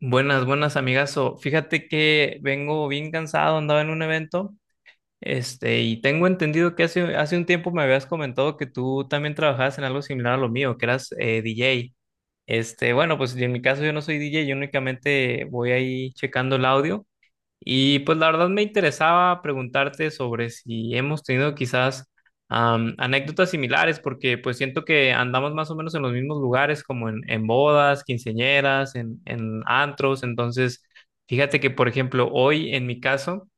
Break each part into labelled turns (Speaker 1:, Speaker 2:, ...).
Speaker 1: Buenas, buenas, amigazo. Fíjate que vengo bien cansado, andaba en un evento, y tengo entendido que hace un tiempo me habías comentado que tú también trabajabas en algo similar a lo mío, que eras DJ. Bueno, pues en mi caso yo no soy DJ, yo únicamente voy ahí checando el audio, y pues la verdad me interesaba preguntarte sobre si hemos tenido quizás anécdotas similares, porque pues siento que andamos más o menos en los mismos lugares, como en bodas, quinceañeras, en antros. Entonces, fíjate que, por ejemplo, hoy en mi caso,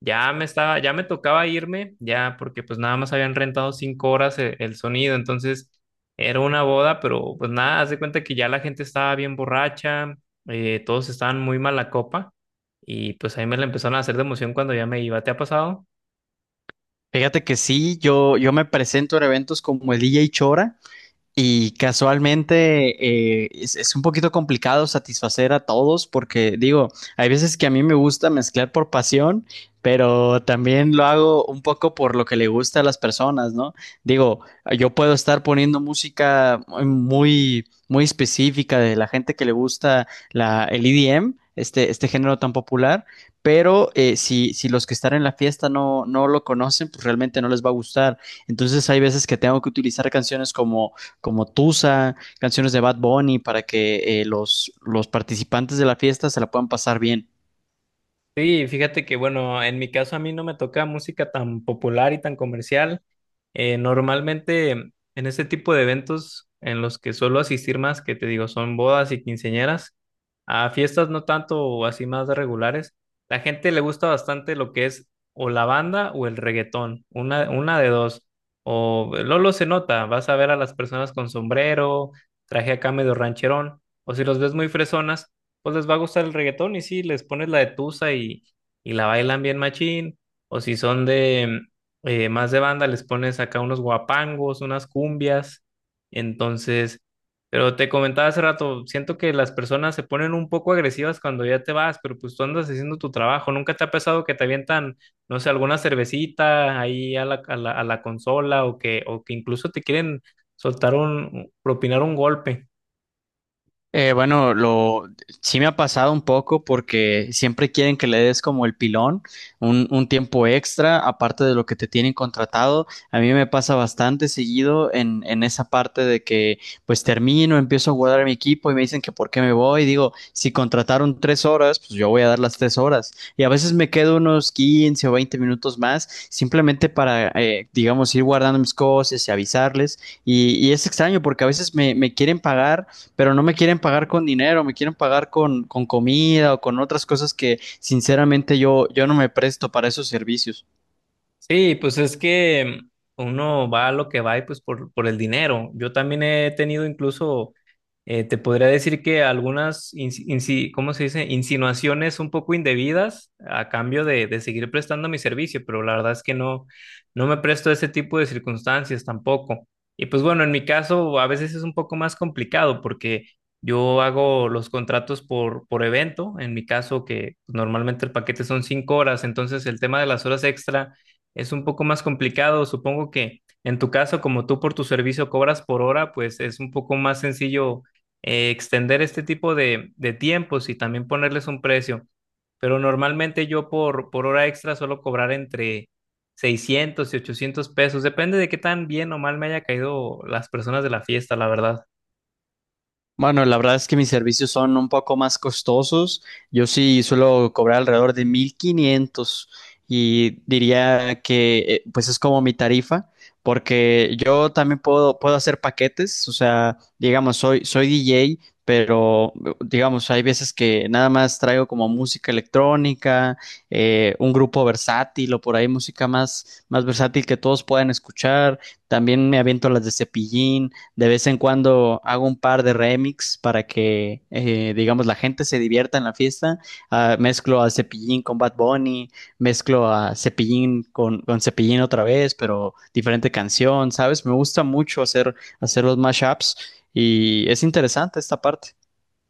Speaker 1: ya me tocaba irme, ya porque pues nada más habían rentado cinco horas el sonido, entonces era una boda, pero pues nada, haz de cuenta que ya la gente estaba bien borracha, todos estaban muy mala copa. Y pues a mí me la empezaron a hacer de emoción cuando ya me iba. ¿Te ha pasado?
Speaker 2: Fíjate que sí, yo me presento en eventos como el DJ Chora, y casualmente es un poquito complicado satisfacer a todos porque digo, hay veces que a mí me gusta mezclar por pasión, pero también lo hago un poco por lo que le gusta a las personas, ¿no? Digo, yo puedo estar poniendo música muy específica de la gente que le gusta el EDM, este género tan popular, pero si los que están en la fiesta no lo conocen, pues realmente no les va a gustar. Entonces hay veces que tengo que utilizar canciones como Tusa, canciones de Bad Bunny, para que los participantes de la fiesta se la puedan pasar bien.
Speaker 1: Sí, fíjate que bueno, en mi caso a mí no me toca música tan popular y tan comercial. Normalmente en este tipo de eventos en los que suelo asistir más, que te digo, son bodas y quinceañeras, a fiestas no tanto o así más regulares, la gente le gusta bastante lo que es o la banda o el reggaetón, una de dos. O Lolo se nota, vas a ver a las personas con sombrero, traje acá medio rancherón, o si los ves muy fresonas pues les va a gustar el reggaetón y sí, les pones la de Tusa y la bailan bien machín. O si son de más de banda, les pones acá unos guapangos, unas cumbias. Entonces, pero te comentaba hace rato, siento que las personas se ponen un poco agresivas cuando ya te vas, pero pues tú andas haciendo tu trabajo. ¿Nunca te ha pasado que te avientan, no sé, alguna cervecita ahí a a la consola o o que incluso te quieren soltar propinar un golpe?
Speaker 2: Bueno, lo sí me ha pasado un poco porque siempre quieren que le des como el pilón, un tiempo extra, aparte de lo que te tienen contratado. A mí me pasa bastante seguido en esa parte de que pues termino, empiezo a jugar a mi equipo y me dicen que por qué me voy. Digo, si contrataron 3 horas, pues yo voy a dar las 3 horas. Y a veces me quedo unos 15 o 20 minutos más, simplemente para, digamos, ir guardando mis cosas y avisarles. Y es extraño porque a veces me quieren pagar pero no me quieren pagar con dinero, me quieren pagar con comida o con otras cosas que sinceramente yo no me presto para esos servicios.
Speaker 1: Sí, pues es que uno va a lo que va y pues por el dinero. Yo también he tenido incluso, te podría decir que algunas, ¿cómo se dice? Insinuaciones un poco indebidas a cambio de seguir prestando mi servicio, pero la verdad es que no, no me presto a ese tipo de circunstancias tampoco. Y pues bueno, en mi caso a veces es un poco más complicado porque yo hago los contratos por evento. En mi caso que normalmente el paquete son cinco horas, entonces el tema de las horas extra es un poco más complicado. Supongo que en tu caso, como tú por tu servicio cobras por hora, pues es un poco más sencillo extender este tipo de tiempos y también ponerles un precio. Pero normalmente yo por hora extra suelo cobrar entre 600 y 800 pesos. Depende de qué tan bien o mal me haya caído las personas de la fiesta, la verdad.
Speaker 2: Bueno, la verdad es que mis servicios son un poco más costosos. Yo sí suelo cobrar alrededor de 1,500 y diría que pues es como mi tarifa, porque yo también puedo hacer paquetes, o sea, digamos, soy DJ, pero digamos, hay veces que nada más traigo como música electrónica, un grupo versátil o por ahí música más versátil que todos puedan escuchar. También me aviento las de Cepillín. De vez en cuando hago un par de remix para que, digamos, la gente se divierta en la fiesta. Ah, mezclo a Cepillín con Bad Bunny, mezclo a Cepillín con Cepillín otra vez, pero diferente canción, ¿sabes? Me gusta mucho hacer, hacer los mashups y es interesante esta parte.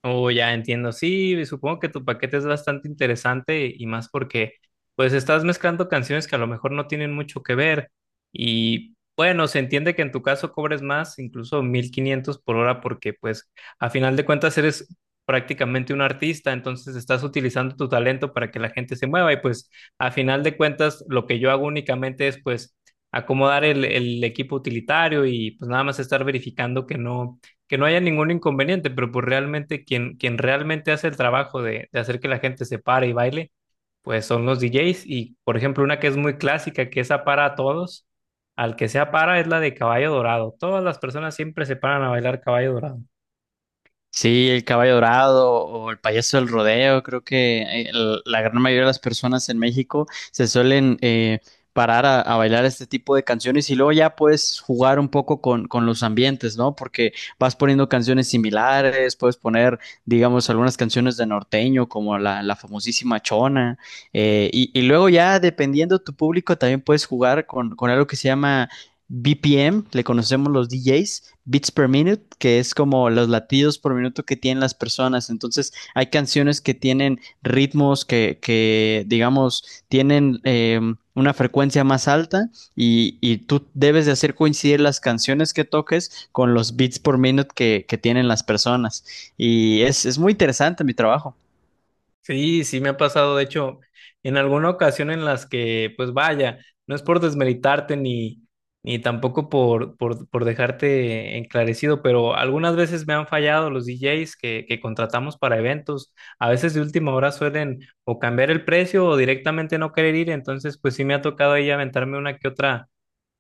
Speaker 1: Oh, ya entiendo. Sí, supongo que tu paquete es bastante interesante y más porque pues estás mezclando canciones que a lo mejor no tienen mucho que ver y bueno, se entiende que en tu caso cobres más, incluso 1500 por hora porque pues a final de cuentas eres prácticamente un artista, entonces estás utilizando tu talento para que la gente se mueva y pues a final de cuentas lo que yo hago únicamente es pues acomodar el equipo utilitario y pues nada más estar verificando que no haya ningún inconveniente, pero pues realmente quien realmente hace el trabajo de hacer que la gente se pare y baile, pues son los DJs. Y por ejemplo, una que es muy clásica, que esa para a todos, al que sea para es la de Caballo Dorado. Todas las personas siempre se paran a bailar Caballo Dorado.
Speaker 2: Sí, el caballo dorado o el payaso del rodeo, creo que la gran mayoría de las personas en México se suelen parar a bailar este tipo de canciones y luego ya puedes jugar un poco con los ambientes, ¿no? Porque vas poniendo canciones similares, puedes poner, digamos, algunas canciones de norteño como la famosísima Chona y luego ya dependiendo tu público también puedes jugar con algo que se llama BPM, le conocemos los DJs, beats per minute, que es como los latidos por minuto que tienen las personas. Entonces, hay canciones que tienen ritmos que digamos, tienen una frecuencia más alta y tú debes de hacer coincidir las canciones que toques con los beats por minute que tienen las personas. Y es muy interesante mi trabajo.
Speaker 1: Sí, sí me ha pasado, de hecho, en alguna ocasión en las que, pues vaya, no es por desmeritarte ni, ni tampoco por dejarte enclarecido, pero algunas veces me han fallado los DJs que contratamos para eventos. A veces de última hora suelen o cambiar el precio o directamente no querer ir, entonces pues sí me ha tocado ahí aventarme una que otra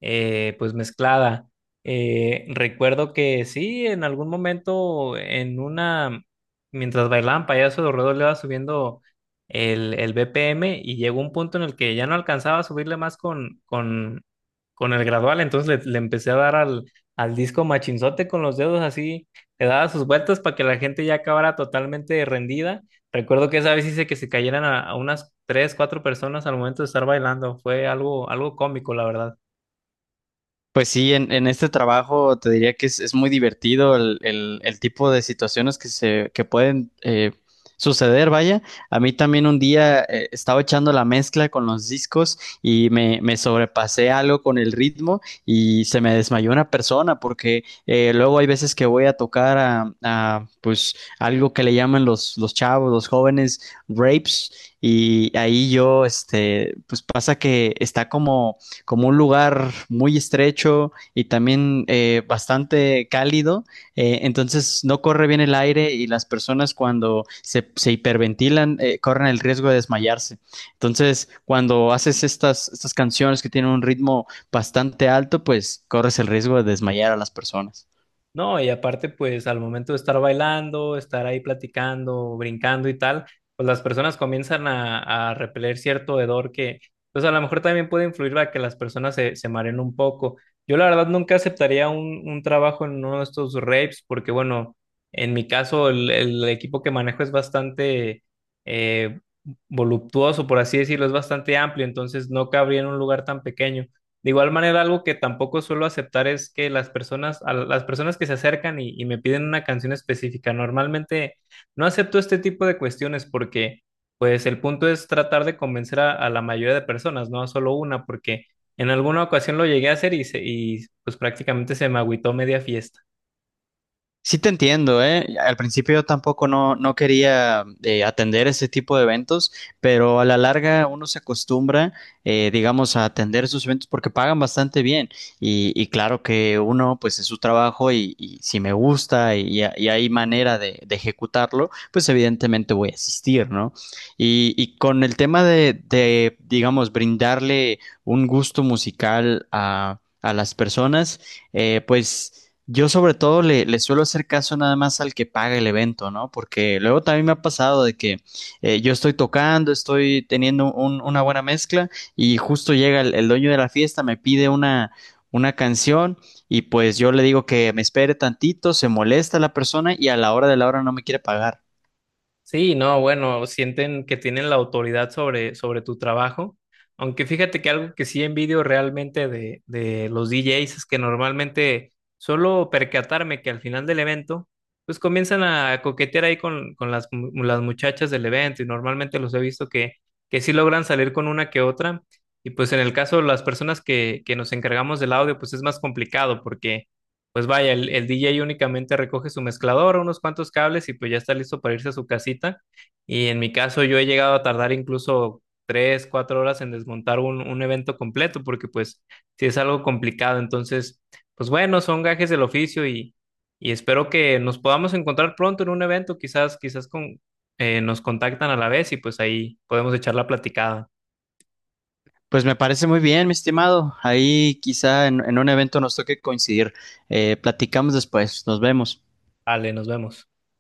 Speaker 1: pues mezclada. Recuerdo que sí, en algún momento en una mientras bailaban payaso, Dorredo le iba subiendo el BPM y llegó un punto en el que ya no alcanzaba a subirle más con el gradual, entonces le empecé a dar al disco machinzote con los dedos así, le daba sus vueltas para que la gente ya acabara totalmente rendida. Recuerdo que esa vez hice que se cayeran a unas tres, cuatro personas al momento de estar bailando, fue algo, algo cómico, la verdad.
Speaker 2: Pues sí, en este trabajo te diría que es muy divertido el tipo de situaciones que se que pueden suceder, vaya. A mí también un día estaba echando la mezcla con los discos y me sobrepasé algo con el ritmo y se me desmayó una persona porque luego hay veces que voy a tocar pues algo que le llaman los chavos, los jóvenes, rapes. Y ahí yo, este, pues pasa que está como un lugar muy estrecho y también bastante cálido, entonces no corre bien el aire y las personas cuando se hiperventilan corren el riesgo de desmayarse. Entonces, cuando haces estas canciones que tienen un ritmo bastante alto, pues corres el riesgo de desmayar a las personas.
Speaker 1: No, y aparte, pues al momento de estar bailando, estar ahí platicando, brincando y tal, pues las personas comienzan a repeler cierto hedor que, pues a lo mejor también puede influir a que las personas se, se mareen un poco. Yo la verdad nunca aceptaría un trabajo en uno de estos rapes porque, bueno, en mi caso el equipo que manejo es bastante eh, voluptuoso, por así decirlo, es bastante amplio, entonces no cabría en un lugar tan pequeño. De igual manera, algo que tampoco suelo aceptar es que las personas, a las personas que se acercan y me piden una canción específica, normalmente no acepto este tipo de cuestiones porque, pues, el punto es tratar de convencer a la mayoría de personas, no a solo una, porque en alguna ocasión lo llegué a hacer y pues prácticamente se me agüitó media fiesta.
Speaker 2: Sí te entiendo, ¿eh? Al principio yo tampoco no quería atender ese tipo de eventos, pero a la larga uno se acostumbra, digamos, a atender esos eventos porque pagan bastante bien. Y claro que uno, pues es su trabajo y si me gusta y hay manera de ejecutarlo, pues evidentemente voy a asistir, ¿no? Y con el tema de digamos, brindarle un gusto musical a las personas, pues... Yo sobre todo le suelo hacer caso nada más al que paga el evento, ¿no? Porque luego también me ha pasado de que yo estoy tocando, estoy teniendo una buena mezcla y justo llega el dueño de la fiesta, me pide una canción y pues yo le digo que me espere tantito, se molesta la persona y a la hora de la hora no me quiere pagar.
Speaker 1: Sí, no, bueno, sienten que tienen la autoridad sobre tu trabajo, aunque fíjate que algo que sí envidio realmente de los DJs es que normalmente solo percatarme que al final del evento, pues comienzan a coquetear ahí las muchachas del evento y normalmente los he visto que sí logran salir con una que otra y pues en el caso de las personas que nos encargamos del audio, pues es más complicado pues vaya, el DJ únicamente recoge su mezclador, unos cuantos cables y pues ya está listo para irse a su casita. Y en mi caso yo he llegado a tardar incluso tres, cuatro horas en desmontar un evento completo porque pues sí es algo complicado. Entonces, pues bueno, son gajes del oficio y espero que nos podamos encontrar pronto en un evento. Quizás, nos contactan a la vez y pues ahí podemos echar la platicada.
Speaker 2: Pues me parece muy bien, mi estimado. Ahí quizá en un evento nos toque coincidir. Platicamos después, nos vemos.
Speaker 1: Vale, nos vemos.